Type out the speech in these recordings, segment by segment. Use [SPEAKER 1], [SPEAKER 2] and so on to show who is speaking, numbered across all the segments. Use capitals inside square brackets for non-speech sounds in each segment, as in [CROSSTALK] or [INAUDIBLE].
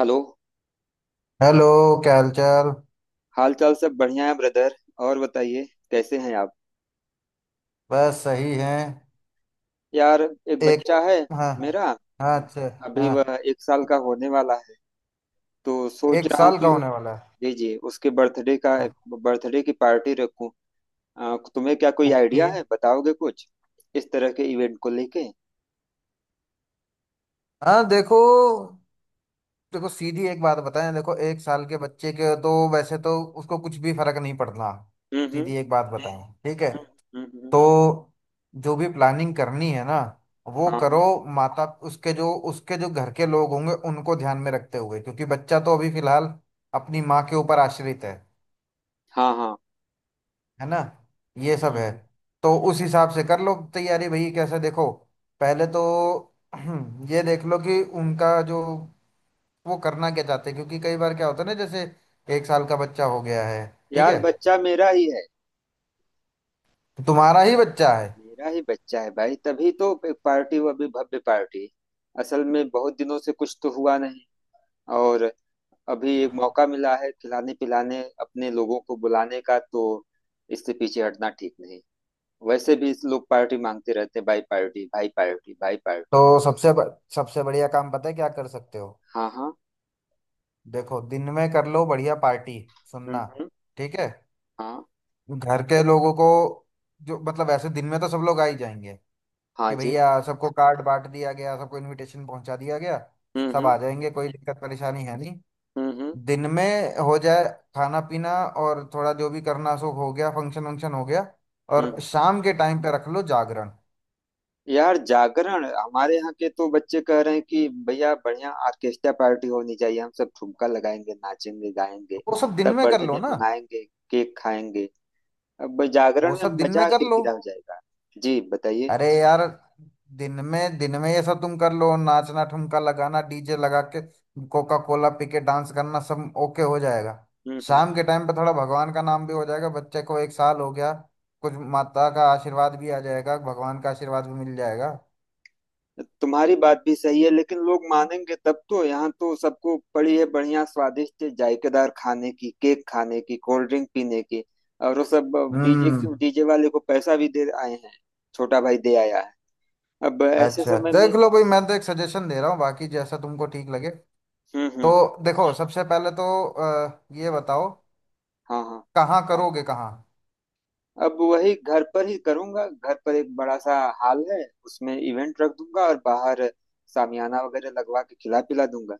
[SPEAKER 1] Hello.
[SPEAKER 2] Hello. क्या हाल चाल।
[SPEAKER 1] हाल चाल सब बढ़िया है, ब्रदर। और बताइए, कैसे हैं आप।
[SPEAKER 2] बस सही है
[SPEAKER 1] यार, एक
[SPEAKER 2] एक।
[SPEAKER 1] बच्चा है
[SPEAKER 2] हाँ।
[SPEAKER 1] मेरा।
[SPEAKER 2] हाँ अच्छा।
[SPEAKER 1] अभी वह
[SPEAKER 2] हाँ
[SPEAKER 1] एक साल का होने वाला है, तो सोच
[SPEAKER 2] एक
[SPEAKER 1] रहा हूँ
[SPEAKER 2] साल का
[SPEAKER 1] कि...
[SPEAKER 2] होने वाला है।
[SPEAKER 1] जी जी, उसके बर्थडे का,
[SPEAKER 2] हाँ।
[SPEAKER 1] बर्थडे की पार्टी रखूं। तुम्हें क्या कोई
[SPEAKER 2] ओके।
[SPEAKER 1] आइडिया है, बताओगे कुछ इस तरह के इवेंट को लेके?
[SPEAKER 2] हाँ देखो। देखो सीधी एक बात बताएं, देखो एक साल के बच्चे के तो वैसे तो उसको कुछ भी फर्क नहीं पड़ना।
[SPEAKER 1] हम्म।
[SPEAKER 2] सीधी एक बात बताएं, ठीक है।
[SPEAKER 1] हम्म।
[SPEAKER 2] तो जो भी प्लानिंग करनी है ना, वो
[SPEAKER 1] हाँ
[SPEAKER 2] करो। माता उसके जो घर के लोग होंगे उनको ध्यान में रखते हुए, क्योंकि बच्चा तो अभी फिलहाल अपनी माँ के ऊपर आश्रित है।
[SPEAKER 1] हाँ हाँ।
[SPEAKER 2] है ना। ये सब है।
[SPEAKER 1] हम्म।
[SPEAKER 2] तो उस हिसाब से कर लो तैयारी भाई। कैसे देखो, पहले तो [CLEARS THROAT] ये देख लो कि उनका जो वो करना क्या चाहते हैं, क्योंकि कई बार क्या होता है ना, जैसे एक साल का बच्चा हो गया है। ठीक
[SPEAKER 1] यार,
[SPEAKER 2] है,
[SPEAKER 1] बच्चा मेरा ही है।
[SPEAKER 2] तुम्हारा ही बच्चा है।
[SPEAKER 1] मेरा ही बच्चा है भाई, तभी तो एक पार्टी, वो अभी भव्य पार्टी। असल में बहुत दिनों से कुछ तो हुआ नहीं, और अभी एक मौका मिला है खिलाने पिलाने अपने लोगों को बुलाने का, तो इससे पीछे हटना ठीक नहीं। वैसे भी इस लोग पार्टी मांगते रहते हैं, भाई पार्टी भाई पार्टी भाई पार्टी।
[SPEAKER 2] तो सबसे सबसे बढ़िया काम पता है क्या कर सकते हो।
[SPEAKER 1] हाँ हाँ।
[SPEAKER 2] देखो दिन में कर लो बढ़िया पार्टी। सुनना,
[SPEAKER 1] हम्म।
[SPEAKER 2] ठीक है।
[SPEAKER 1] हाँ
[SPEAKER 2] घर के लोगों को जो मतलब ऐसे दिन में तो सब लोग आ ही जाएंगे
[SPEAKER 1] हाँ
[SPEAKER 2] कि
[SPEAKER 1] जी।
[SPEAKER 2] भैया सबको कार्ड बांट दिया गया, सबको इनविटेशन पहुंचा दिया गया। सब
[SPEAKER 1] हम्म।
[SPEAKER 2] आ जाएंगे, कोई दिक्कत परेशानी है नहीं।
[SPEAKER 1] हम्म
[SPEAKER 2] दिन में हो जाए खाना पीना और थोड़ा जो भी करना सो हो गया, फंक्शन वंक्शन हो गया। और
[SPEAKER 1] हम्म।
[SPEAKER 2] शाम के टाइम पे रख लो जागरण।
[SPEAKER 1] यार, जागरण, हमारे यहाँ के तो बच्चे कह रहे हैं कि भैया बढ़िया ऑर्केस्ट्रा पार्टी होनी चाहिए, हम सब ठुमका लगाएंगे, नाचेंगे गाएंगे,
[SPEAKER 2] वो सब दिन
[SPEAKER 1] तब
[SPEAKER 2] में कर लो
[SPEAKER 1] बर्थडे
[SPEAKER 2] ना।
[SPEAKER 1] मनाएंगे, केक खाएंगे। अब
[SPEAKER 2] वो
[SPEAKER 1] जागरण
[SPEAKER 2] सब
[SPEAKER 1] में
[SPEAKER 2] दिन में
[SPEAKER 1] मजा
[SPEAKER 2] कर लो।
[SPEAKER 1] किरकिरा हो जाएगा। जी, बताइए।
[SPEAKER 2] अरे यार दिन में, दिन में ये सब तुम कर लो, नाचना ठुमका लगाना डीजे लगा के कोका कोला पी के डांस करना, सब ओके हो जाएगा।
[SPEAKER 1] हम्म हम्म।
[SPEAKER 2] शाम के टाइम पे थोड़ा भगवान का नाम भी हो जाएगा, बच्चे को एक साल हो गया, कुछ माता का आशीर्वाद भी आ जाएगा, भगवान का आशीर्वाद भी मिल जाएगा।
[SPEAKER 1] तुम्हारी बात भी सही है, लेकिन लोग मानेंगे तब तो। यहाँ तो सबको पड़ी है बढ़िया स्वादिष्ट जायकेदार खाने की, केक खाने की, कोल्ड ड्रिंक पीने की, और वो सब। डीजे,
[SPEAKER 2] हम्म।
[SPEAKER 1] डीजे वाले को पैसा भी दे आए हैं, छोटा भाई दे आया है। अब ऐसे
[SPEAKER 2] अच्छा
[SPEAKER 1] समय में...
[SPEAKER 2] देख लो भाई, मैं तो एक सजेशन दे रहा हूँ, बाकी जैसा तुमको ठीक लगे। तो
[SPEAKER 1] हम्म।
[SPEAKER 2] देखो सबसे पहले तो ये बताओ
[SPEAKER 1] हाँ हाँ।
[SPEAKER 2] कहाँ करोगे कहाँ।
[SPEAKER 1] अब वही घर पर ही करूंगा। घर पर एक बड़ा सा हॉल है, उसमें इवेंट रख दूंगा, और बाहर शामियाना वगैरह लगवा के खिला पिला दूंगा।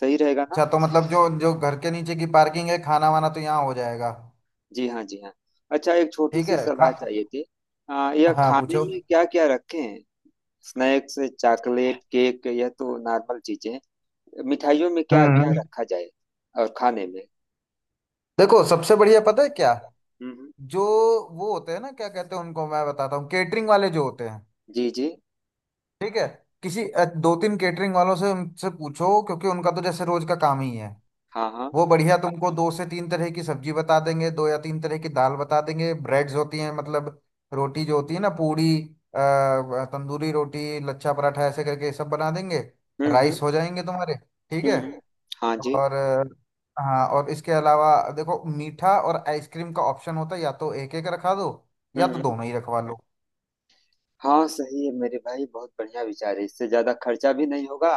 [SPEAKER 1] सही रहेगा ना?
[SPEAKER 2] अच्छा तो मतलब जो जो घर के नीचे की पार्किंग है, खाना वाना तो यहाँ हो जाएगा।
[SPEAKER 1] जी हाँ, जी हाँ। अच्छा, एक छोटी
[SPEAKER 2] ठीक
[SPEAKER 1] सी
[SPEAKER 2] है
[SPEAKER 1] सलाह
[SPEAKER 2] हाँ।
[SPEAKER 1] चाहिए थी। यह
[SPEAKER 2] हाँ
[SPEAKER 1] खाने
[SPEAKER 2] पूछो।
[SPEAKER 1] में क्या क्या रखें? स्नैक्स, चॉकलेट केक, यह तो नॉर्मल चीजें। मिठाइयों में क्या क्या
[SPEAKER 2] हम्म।
[SPEAKER 1] रखा जाए, और खाने में?
[SPEAKER 2] देखो सबसे बढ़िया पता है क्या,
[SPEAKER 1] हम्म।
[SPEAKER 2] जो वो होते हैं ना, क्या कहते हैं उनको, मैं बताता हूँ, केटरिंग वाले जो होते हैं,
[SPEAKER 1] जी जी।
[SPEAKER 2] ठीक है। किसी दो तीन केटरिंग वालों से उनसे पूछो, क्योंकि उनका तो जैसे रोज का काम ही है।
[SPEAKER 1] हाँ हाँ।
[SPEAKER 2] वो बढ़िया तुमको दो से तीन तरह की सब्जी बता देंगे, दो या तीन तरह की दाल बता देंगे, ब्रेड्स होती हैं, मतलब रोटी जो होती है ना, पूड़ी, तंदूरी रोटी, लच्छा पराठा, ऐसे करके सब बना देंगे।
[SPEAKER 1] हम्म।
[SPEAKER 2] राइस हो जाएंगे तुम्हारे, ठीक है।
[SPEAKER 1] हम्म। हाँ जी।
[SPEAKER 2] और हाँ, और इसके अलावा देखो मीठा और आइसक्रीम का ऑप्शन होता है, या तो एक एक रखा दो या तो
[SPEAKER 1] हम्म।
[SPEAKER 2] दोनों ही रखवा लो।
[SPEAKER 1] हाँ, सही है मेरे भाई, बहुत बढ़िया विचार है। इससे ज्यादा खर्चा भी नहीं होगा,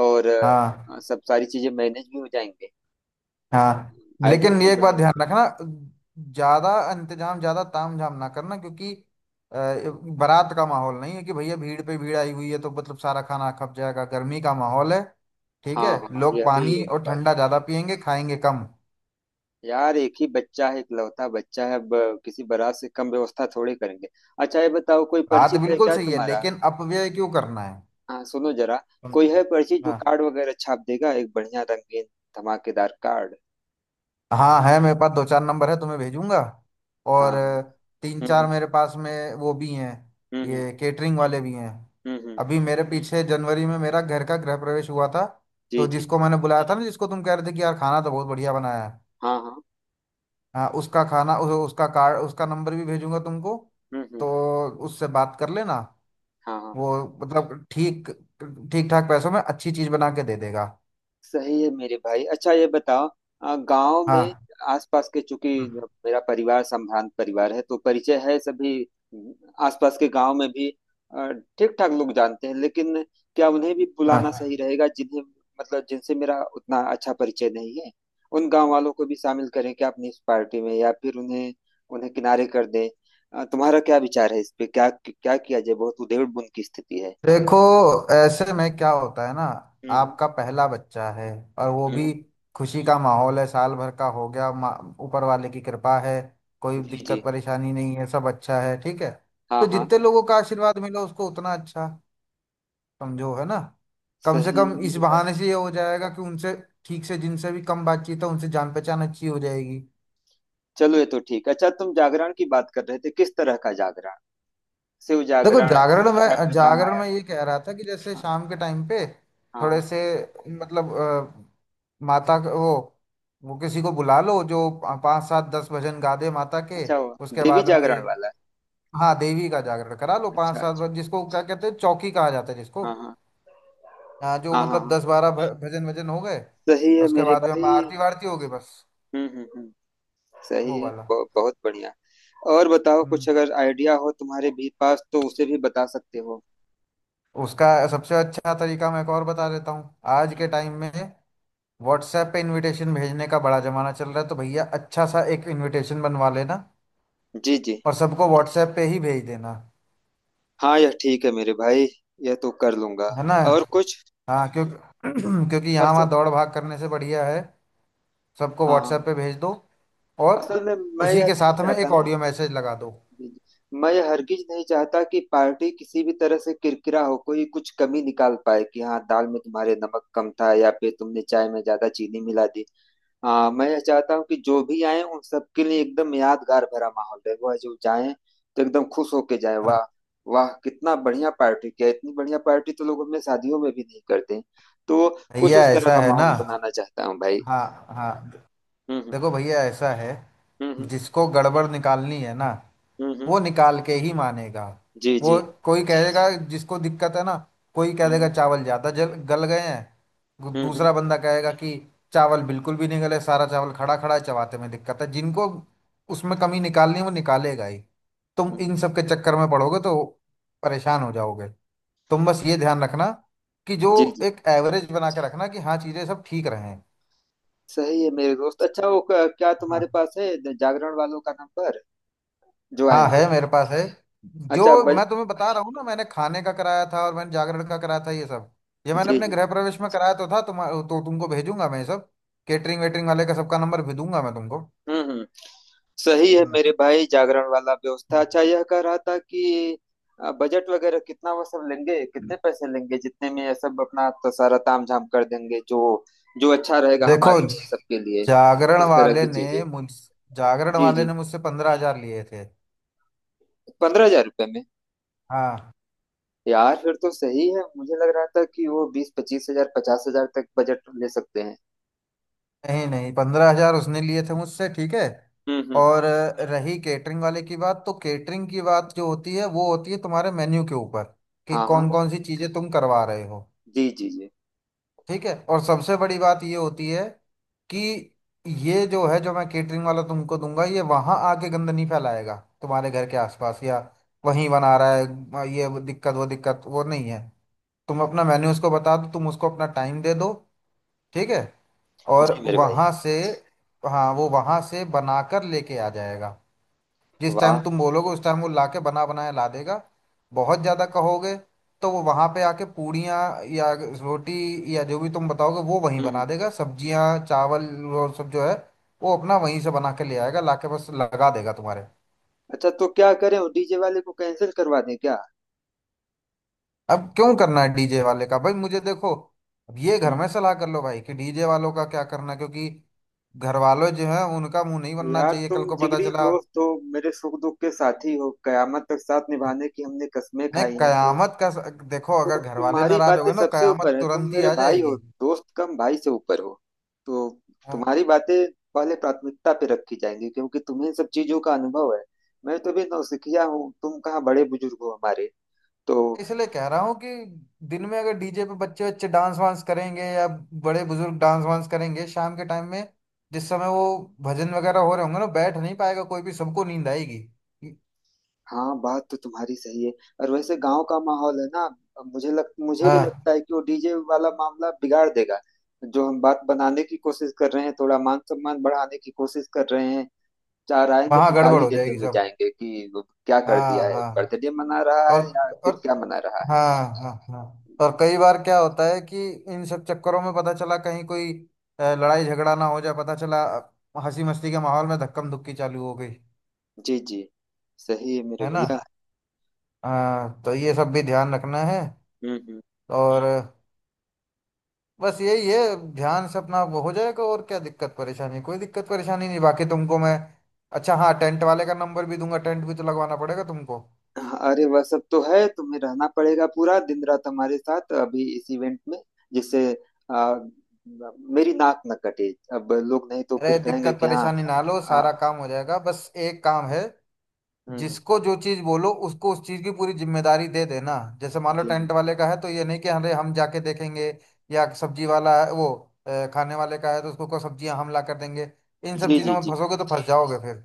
[SPEAKER 1] और
[SPEAKER 2] हाँ
[SPEAKER 1] सब सारी चीजें मैनेज भी हो जाएंगे।
[SPEAKER 2] हाँ।
[SPEAKER 1] आइडिया
[SPEAKER 2] लेकिन ये
[SPEAKER 1] तो
[SPEAKER 2] एक बात
[SPEAKER 1] बढ़िया है।
[SPEAKER 2] ध्यान रखना, ज्यादा इंतजाम ज्यादा तामझाम ना करना, क्योंकि बारात का माहौल नहीं है कि भैया भीड़ पे भीड़ आई हुई है तो मतलब सारा खाना खप जाएगा। गर्मी का माहौल है, ठीक
[SPEAKER 1] हाँ
[SPEAKER 2] है।
[SPEAKER 1] हाँ,
[SPEAKER 2] लोग
[SPEAKER 1] यह भी
[SPEAKER 2] पानी
[SPEAKER 1] एक
[SPEAKER 2] और ठंडा
[SPEAKER 1] बात
[SPEAKER 2] ज्यादा पियेंगे, खाएंगे कम।
[SPEAKER 1] है। यार, एक ही बच्चा है, इकलौता बच्चा है। अब किसी बारात से कम व्यवस्था थोड़े करेंगे। अच्छा, ये बताओ, कोई
[SPEAKER 2] बात
[SPEAKER 1] परिचित है
[SPEAKER 2] बिल्कुल
[SPEAKER 1] क्या
[SPEAKER 2] सही है,
[SPEAKER 1] तुम्हारा?
[SPEAKER 2] लेकिन अपव्यय क्यों करना है।
[SPEAKER 1] हाँ, सुनो जरा, कोई है परिचित जो
[SPEAKER 2] हाँ
[SPEAKER 1] कार्ड वगैरह छाप देगा, एक बढ़िया रंगीन धमाकेदार कार्ड?
[SPEAKER 2] हाँ है, मेरे पास दो चार नंबर है, तुम्हें भेजूंगा।
[SPEAKER 1] हाँ
[SPEAKER 2] और तीन चार
[SPEAKER 1] हम्म।
[SPEAKER 2] मेरे पास में वो भी हैं।
[SPEAKER 1] हम्म।
[SPEAKER 2] ये केटरिंग वाले भी हैं।
[SPEAKER 1] हम्म।
[SPEAKER 2] अभी मेरे पीछे जनवरी में मेरा घर का गृह प्रवेश हुआ था,
[SPEAKER 1] जी
[SPEAKER 2] तो
[SPEAKER 1] जी।
[SPEAKER 2] जिसको मैंने बुलाया था ना, जिसको तुम कह रहे थे कि यार खाना तो बहुत बढ़िया बनाया है।
[SPEAKER 1] हाँ हाँ।
[SPEAKER 2] हाँ उसका खाना उसका कार्ड, उसका नंबर भी भेजूंगा तुमको।
[SPEAKER 1] हम्म।
[SPEAKER 2] तो उससे बात कर लेना।
[SPEAKER 1] हाँ हाँ,
[SPEAKER 2] वो मतलब ठीक, ठीक ठाक पैसों में अच्छी चीज़ बना के दे देगा।
[SPEAKER 1] सही है मेरे भाई। अच्छा, ये बताओ, गांव में,
[SPEAKER 2] हाँ
[SPEAKER 1] आसपास के, चूंकि मेरा परिवार संभ्रांत परिवार है तो परिचय है, सभी आसपास के गांव में भी ठीक ठाक लोग जानते हैं। लेकिन क्या उन्हें भी बुलाना
[SPEAKER 2] हाँ।
[SPEAKER 1] सही रहेगा, जिन्हें, मतलब जिनसे मेरा उतना अच्छा परिचय नहीं है? उन गांव वालों को भी शामिल करें क्या अपनी इस पार्टी में, या फिर उन्हें, उन्हें किनारे कर दें? तुम्हारा क्या विचार है इस पे, क्या क्या किया जाए? बहुत उधेड़बुन की स्थिति है।
[SPEAKER 2] देखो ऐसे में क्या होता है ना,
[SPEAKER 1] हम्म
[SPEAKER 2] आपका पहला बच्चा है और वो
[SPEAKER 1] हम्म।
[SPEAKER 2] भी खुशी का माहौल है, साल भर का हो गया, ऊपर वाले की कृपा है, कोई
[SPEAKER 1] जी
[SPEAKER 2] दिक्कत
[SPEAKER 1] जी।
[SPEAKER 2] परेशानी नहीं है, सब अच्छा है, ठीक है।
[SPEAKER 1] हाँ
[SPEAKER 2] तो
[SPEAKER 1] हाँ,
[SPEAKER 2] जितने लोगों का आशीर्वाद मिला उसको उतना अच्छा समझो। है ना। कम से
[SPEAKER 1] सही
[SPEAKER 2] कम
[SPEAKER 1] है
[SPEAKER 2] इस
[SPEAKER 1] मेरे भाई।
[SPEAKER 2] बहाने से ये हो जाएगा कि उनसे ठीक से, जिनसे भी कम बातचीत है, उनसे जान पहचान अच्छी हो जाएगी।
[SPEAKER 1] चलो, ये तो ठीक। अच्छा, तुम जागरण की बात कर रहे थे, किस तरह का जागरण? शिव
[SPEAKER 2] देखो
[SPEAKER 1] जागरण
[SPEAKER 2] जागरण
[SPEAKER 1] या
[SPEAKER 2] में,
[SPEAKER 1] फिर
[SPEAKER 2] जागरण
[SPEAKER 1] रामायण?
[SPEAKER 2] में ये कह रहा था कि जैसे
[SPEAKER 1] हाँ
[SPEAKER 2] शाम के टाइम पे
[SPEAKER 1] हाँ
[SPEAKER 2] थोड़े
[SPEAKER 1] हाँ।
[SPEAKER 2] से मतलब वो किसी को बुला लो जो पाँच सात दस भजन गा दे माता के।
[SPEAKER 1] अच्छा, वो
[SPEAKER 2] उसके
[SPEAKER 1] देवी
[SPEAKER 2] बाद में
[SPEAKER 1] जागरण वाला?
[SPEAKER 2] हाँ देवी का जागरण करा लो, पाँच
[SPEAKER 1] अच्छा
[SPEAKER 2] सात
[SPEAKER 1] अच्छा।
[SPEAKER 2] जिसको क्या कहते हैं, चौकी कहा जाता है जिसको।
[SPEAKER 1] हाँ हाँ
[SPEAKER 2] हाँ जो
[SPEAKER 1] हाँ हाँ
[SPEAKER 2] मतलब
[SPEAKER 1] हाँ।
[SPEAKER 2] 10-12 भ- भजन भजन हो गए,
[SPEAKER 1] सही है
[SPEAKER 2] उसके
[SPEAKER 1] मेरे
[SPEAKER 2] बाद में हम
[SPEAKER 1] भाई।
[SPEAKER 2] आरती वारती हो गई, बस।
[SPEAKER 1] हम्म। सही
[SPEAKER 2] वो
[SPEAKER 1] है,
[SPEAKER 2] वाला।
[SPEAKER 1] बहुत बहुत बढ़िया। और बताओ कुछ,
[SPEAKER 2] हम्म।
[SPEAKER 1] अगर आइडिया हो तुम्हारे भी पास तो उसे भी बता सकते हो।
[SPEAKER 2] उसका सबसे अच्छा तरीका मैं एक और बता देता हूँ। आज के
[SPEAKER 1] हम्म।
[SPEAKER 2] टाइम में व्हाट्सएप पे इनविटेशन भेजने का बड़ा जमाना चल रहा है, तो भैया अच्छा सा एक इनविटेशन बनवा लेना
[SPEAKER 1] जी जी।
[SPEAKER 2] और सबको व्हाट्सएप पे ही भेज देना।
[SPEAKER 1] हाँ, यह ठीक है मेरे भाई, यह तो कर लूंगा।
[SPEAKER 2] है ना।
[SPEAKER 1] और कुछ?
[SPEAKER 2] हाँ, क्योंकि [CLEARS THROAT] क्योंकि यहाँ
[SPEAKER 1] असल
[SPEAKER 2] वहाँ दौड़ भाग करने से बढ़िया है सबको
[SPEAKER 1] हाँ,
[SPEAKER 2] व्हाट्सएप पे भेज दो, और
[SPEAKER 1] असल में मैं
[SPEAKER 2] उसी
[SPEAKER 1] यह
[SPEAKER 2] के
[SPEAKER 1] नहीं
[SPEAKER 2] साथ में
[SPEAKER 1] चाहता
[SPEAKER 2] एक
[SPEAKER 1] ना।
[SPEAKER 2] ऑडियो मैसेज लगा दो।
[SPEAKER 1] जी, जी। मैं यह हरगिज नहीं चाहता कि पार्टी किसी भी तरह से किरकिरा हो, कोई कुछ कमी निकाल पाए कि हाँ दाल में तुम्हारे नमक कम था, या फिर तुमने चाय में ज्यादा चीनी मिला दी। हाँ, मैं यह चाहता हूँ कि जो भी आए उन सबके लिए एकदम यादगार भरा माहौल रहे। वह जो जाए तो एकदम खुश होके जाए,
[SPEAKER 2] हाँ।
[SPEAKER 1] वाह, वाह कितना बढ़िया पार्टी किया, इतनी बढ़िया पार्टी तो लोग अपने शादियों में भी नहीं करते। तो कुछ
[SPEAKER 2] भैया
[SPEAKER 1] उस तरह
[SPEAKER 2] ऐसा
[SPEAKER 1] का
[SPEAKER 2] है ना,
[SPEAKER 1] माहौल बनाना चाहता हूँ भाई।
[SPEAKER 2] हाँ हाँ।
[SPEAKER 1] हम्म हम्म
[SPEAKER 2] देखो भैया ऐसा है,
[SPEAKER 1] हम्म।
[SPEAKER 2] जिसको गड़बड़ निकालनी है ना,
[SPEAKER 1] हम्म।
[SPEAKER 2] वो निकाल के ही मानेगा।
[SPEAKER 1] जी
[SPEAKER 2] वो
[SPEAKER 1] जी।
[SPEAKER 2] कोई कहेगा, जिसको दिक्कत है ना, कोई कह देगा
[SPEAKER 1] हम्म
[SPEAKER 2] चावल ज़्यादा जल गल गए हैं,
[SPEAKER 1] हम्म।
[SPEAKER 2] दूसरा बंदा कहेगा कि चावल बिल्कुल भी नहीं गले, सारा चावल खड़ा खड़ा है, चबाते में दिक्कत है जिनको। उसमें कमी निकालनी है वो निकालेगा ही। तुम
[SPEAKER 1] हम्म।
[SPEAKER 2] इन सब के चक्कर में पड़ोगे तो परेशान हो जाओगे। तुम बस ये ध्यान रखना कि जो
[SPEAKER 1] जी जी।
[SPEAKER 2] एक एवरेज बना के रखना कि हाँ चीज़ें सब ठीक रहें।
[SPEAKER 1] सही है मेरे दोस्त। अच्छा, वो क्या तुम्हारे
[SPEAKER 2] हाँ
[SPEAKER 1] पास है जागरण वालों का नंबर, जो
[SPEAKER 2] हाँ
[SPEAKER 1] आएंगे?
[SPEAKER 2] है, मेरे पास है। जो
[SPEAKER 1] अच्छा बज
[SPEAKER 2] मैं तुम्हें बता रहा हूँ ना, मैंने खाने का कराया था और मैंने जागरण का कराया था, ये सब ये
[SPEAKER 1] हाँ।
[SPEAKER 2] मैंने
[SPEAKER 1] जी
[SPEAKER 2] अपने
[SPEAKER 1] जी।
[SPEAKER 2] गृह प्रवेश में कराया तो था तुम। तो तुमको भेजूंगा मैं ये सब, केटरिंग वेटरिंग वाले का सबका नंबर भी दूंगा मैं तुमको।
[SPEAKER 1] हम्म। सही है
[SPEAKER 2] हम्म।
[SPEAKER 1] मेरे भाई। जागरण वाला व्यवस्था, अच्छा यह कह रहा था कि बजट वगैरह कितना वो सब लेंगे, कितने पैसे लेंगे, जितने में यह सब अपना तो सारा तामझाम कर देंगे, जो जो अच्छा रहेगा
[SPEAKER 2] देखो
[SPEAKER 1] हमारे लिए, सबके लिए,
[SPEAKER 2] जागरण
[SPEAKER 1] उस तरह
[SPEAKER 2] वाले
[SPEAKER 1] की
[SPEAKER 2] ने
[SPEAKER 1] चीजें।
[SPEAKER 2] मुझ जागरण
[SPEAKER 1] जी
[SPEAKER 2] वाले
[SPEAKER 1] जी।
[SPEAKER 2] ने मुझसे 15,000 लिए थे।
[SPEAKER 1] 15,000 रुपये में?
[SPEAKER 2] हाँ।
[SPEAKER 1] यार, फिर तो सही है, मुझे लग रहा था कि वो 20-25 हजार, 50,000 तक बजट ले सकते हैं।
[SPEAKER 2] नहीं नहीं, 15,000 उसने लिए थे मुझसे, ठीक है।
[SPEAKER 1] हम्म।
[SPEAKER 2] और रही केटरिंग वाले की बात, तो केटरिंग की बात जो होती है वो होती है तुम्हारे मेन्यू के ऊपर, कि
[SPEAKER 1] हाँ हाँ।
[SPEAKER 2] कौन कौन सी चीजें तुम करवा रहे हो,
[SPEAKER 1] जी जी जी।
[SPEAKER 2] ठीक है। और सबसे बड़ी बात ये होती है कि ये जो है, जो मैं केटरिंग वाला तुमको दूंगा, ये वहां आके गंद नहीं फैलाएगा तुम्हारे घर के आसपास, या वहीं बना रहा है। ये वो दिक्कत वो दिक्कत वो नहीं है। तुम अपना मेन्यू उसको बता दो, तुम उसको अपना टाइम दे दो, ठीक है।
[SPEAKER 1] जी
[SPEAKER 2] और
[SPEAKER 1] मेरे भाई।
[SPEAKER 2] वहां से हाँ, वो वहां से बनाकर लेके आ जाएगा, जिस टाइम
[SPEAKER 1] वाह।
[SPEAKER 2] तुम बोलोगे उस टाइम वो लाके बना बनाया ला देगा। बहुत ज्यादा कहोगे तो वो वहां पे आके पूड़ियाँ, या रोटी, या जो भी तुम बताओगे वो वहीं
[SPEAKER 1] हम्म।
[SPEAKER 2] बना देगा, सब्जियां चावल और सब जो है वो अपना वहीं से बना के ले आएगा, लाके बस लगा देगा तुम्हारे।
[SPEAKER 1] अच्छा, तो क्या करें, डीजे वाले को कैंसिल करवा दें क्या?
[SPEAKER 2] अब क्यों करना है डीजे वाले का भाई, मुझे देखो, अब ये घर
[SPEAKER 1] हम्म।
[SPEAKER 2] में सलाह कर लो भाई कि डीजे वालों का क्या करना है, क्योंकि घर वालों जो है उनका मुंह नहीं बनना
[SPEAKER 1] यार,
[SPEAKER 2] चाहिए
[SPEAKER 1] तुम
[SPEAKER 2] कल को पता
[SPEAKER 1] जिगरी
[SPEAKER 2] चला।
[SPEAKER 1] दोस्त हो, मेरे सुख दुख के साथी हो, कयामत तक साथ निभाने की हमने कस्में
[SPEAKER 2] नहीं,
[SPEAKER 1] खाई हैं,
[SPEAKER 2] कयामत का देखो,
[SPEAKER 1] तो
[SPEAKER 2] अगर घर वाले
[SPEAKER 1] तुम्हारी
[SPEAKER 2] नाराज हो
[SPEAKER 1] बातें
[SPEAKER 2] गए ना
[SPEAKER 1] सबसे
[SPEAKER 2] कयामत
[SPEAKER 1] ऊपर है, तुम
[SPEAKER 2] तुरंत ही
[SPEAKER 1] मेरे
[SPEAKER 2] आ
[SPEAKER 1] भाई हो,
[SPEAKER 2] जाएगी।
[SPEAKER 1] दोस्त कम भाई से ऊपर हो, तो
[SPEAKER 2] हाँ।
[SPEAKER 1] तुम्हारी बातें पहले प्राथमिकता पे रखी जाएंगी, क्योंकि तुम्हें इन सब चीजों का अनुभव है। मैं तो भी नौसिखिया हूँ, तुम कहाँ बड़े बुजुर्ग हो हमारे, तो...
[SPEAKER 2] इसलिए कह रहा हूँ कि दिन में अगर डीजे पे बच्चे बच्चे डांस वांस करेंगे या बड़े बुजुर्ग डांस वांस करेंगे, शाम के टाइम में जिस समय वो भजन वगैरह हो रहे होंगे ना, बैठ नहीं पाएगा कोई भी, सबको नींद आएगी।
[SPEAKER 1] हाँ, बात तो तुम्हारी सही है। और वैसे गांव का माहौल है ना, अब मुझे भी
[SPEAKER 2] हाँ
[SPEAKER 1] लगता है कि वो डीजे वाला मामला बिगाड़ देगा, जो हम बात बनाने की कोशिश कर रहे हैं, थोड़ा मान सम्मान बढ़ाने की कोशिश कर रहे हैं। चार आएंगे
[SPEAKER 2] वहाँ
[SPEAKER 1] तो
[SPEAKER 2] गड़बड़
[SPEAKER 1] गाली
[SPEAKER 2] हो
[SPEAKER 1] देते
[SPEAKER 2] जाएगी
[SPEAKER 1] हुए
[SPEAKER 2] सब।
[SPEAKER 1] जाएंगे कि वो क्या कर
[SPEAKER 2] हाँ
[SPEAKER 1] दिया है,
[SPEAKER 2] हाँ।
[SPEAKER 1] बर्थडे मना रहा
[SPEAKER 2] और
[SPEAKER 1] है, या
[SPEAKER 2] और
[SPEAKER 1] फिर क्या मना रहा है।
[SPEAKER 2] हाँ हाँ हाँ। और
[SPEAKER 1] जी
[SPEAKER 2] कई बार क्या होता है कि इन सब चक्करों में पता चला कहीं कोई लड़ाई झगड़ा ना हो जाए, पता चला हंसी मस्ती के माहौल में धक्कम धुक्की चालू हो गई।
[SPEAKER 1] जी जी, सही है मेरे
[SPEAKER 2] है ना।
[SPEAKER 1] भैया।
[SPEAKER 2] हाँ तो ये सब भी ध्यान रखना है।
[SPEAKER 1] हम्म।
[SPEAKER 2] और बस यही है, ध्यान से अपना वो हो जाएगा, और क्या दिक्कत परेशानी, कोई दिक्कत परेशानी नहीं, बाकी तुमको मैं, अच्छा हाँ, टेंट वाले का नंबर भी दूंगा, टेंट भी तो लगवाना पड़ेगा तुमको।
[SPEAKER 1] अरे वह सब तो है, तुम्हें रहना पड़ेगा पूरा दिन रात हमारे साथ अभी इस इवेंट में, जिससे आ, मेरी नाक न कटे। अब लोग नहीं तो फिर
[SPEAKER 2] अरे
[SPEAKER 1] कहेंगे
[SPEAKER 2] दिक्कत
[SPEAKER 1] कि हाँ...
[SPEAKER 2] परेशानी ना लो,
[SPEAKER 1] हाँ,
[SPEAKER 2] सारा काम हो जाएगा, बस एक काम है,
[SPEAKER 1] हम्म,
[SPEAKER 2] जिसको जो चीज बोलो उसको उस चीज की पूरी जिम्मेदारी दे देना। जैसे मान लो
[SPEAKER 1] जी हाँ।
[SPEAKER 2] टेंट वाले का है तो ये नहीं कि अरे हम जाके देखेंगे, या सब्जी वाला है वो, खाने वाले का है तो उसको को सब्जियां हम ला कर देंगे, इन सब
[SPEAKER 1] जी
[SPEAKER 2] चीजों
[SPEAKER 1] जी
[SPEAKER 2] में
[SPEAKER 1] जी।
[SPEAKER 2] फंसोगे तो फंस जाओगे फिर।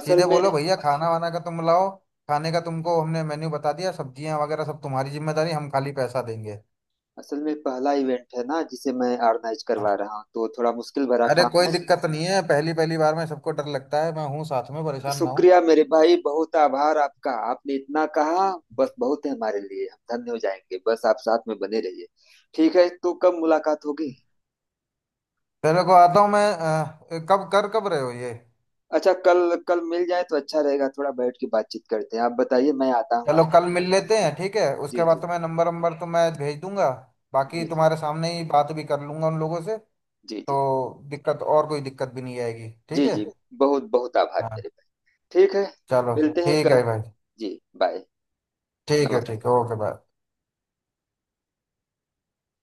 [SPEAKER 1] असल
[SPEAKER 2] सीधे
[SPEAKER 1] में
[SPEAKER 2] बोलो भैया, खाना वाना का तुम लाओ, खाने का तुमको हमने मेन्यू बता दिया, सब्जियां वगैरह सब तुम्हारी जिम्मेदारी, हम खाली पैसा देंगे।
[SPEAKER 1] असल में पहला इवेंट है ना जिसे मैं ऑर्गेनाइज
[SPEAKER 2] हाँ।
[SPEAKER 1] करवा रहा हूँ, तो थोड़ा मुश्किल भरा
[SPEAKER 2] अरे
[SPEAKER 1] काम
[SPEAKER 2] कोई
[SPEAKER 1] है।
[SPEAKER 2] दिक्कत नहीं है, पहली पहली बार में सबको डर लगता है, मैं हूँ साथ में, परेशान ना हूँ।
[SPEAKER 1] शुक्रिया मेरे भाई, बहुत आभार आपका, आपने इतना कहा बस बहुत है हमारे लिए, हम धन्य हो जाएंगे। बस आप साथ में बने रहिए। ठीक है, तो कब मुलाकात होगी?
[SPEAKER 2] चलो को आता हूँ मैं, कब रहे हो ये।
[SPEAKER 1] अच्छा, कल, कल मिल जाए तो अच्छा रहेगा, थोड़ा बैठ के बातचीत करते हैं। आप बताइए, मैं आता हूँ
[SPEAKER 2] चलो कल
[SPEAKER 1] आपके घर
[SPEAKER 2] मिल
[SPEAKER 1] उधर से।
[SPEAKER 2] लेते हैं, ठीक है,
[SPEAKER 1] जी
[SPEAKER 2] उसके बाद
[SPEAKER 1] जी।
[SPEAKER 2] तुम्हें नंबर नंबर तो मैं भेज दूंगा, बाकी
[SPEAKER 1] जी जी।
[SPEAKER 2] तुम्हारे सामने ही बात भी कर लूंगा उन लोगों से।
[SPEAKER 1] जी जी।
[SPEAKER 2] तो दिक्कत और कोई दिक्कत भी नहीं आएगी, ठीक
[SPEAKER 1] जी
[SPEAKER 2] है
[SPEAKER 1] जी। बहुत बहुत आभार
[SPEAKER 2] हाँ।
[SPEAKER 1] मेरे भाई। ठीक है,
[SPEAKER 2] चलो
[SPEAKER 1] मिलते हैं
[SPEAKER 2] ठीक
[SPEAKER 1] कल।
[SPEAKER 2] है भाई।
[SPEAKER 1] जी, बाय। नमस्कार।
[SPEAKER 2] ठीक है ओके बाय।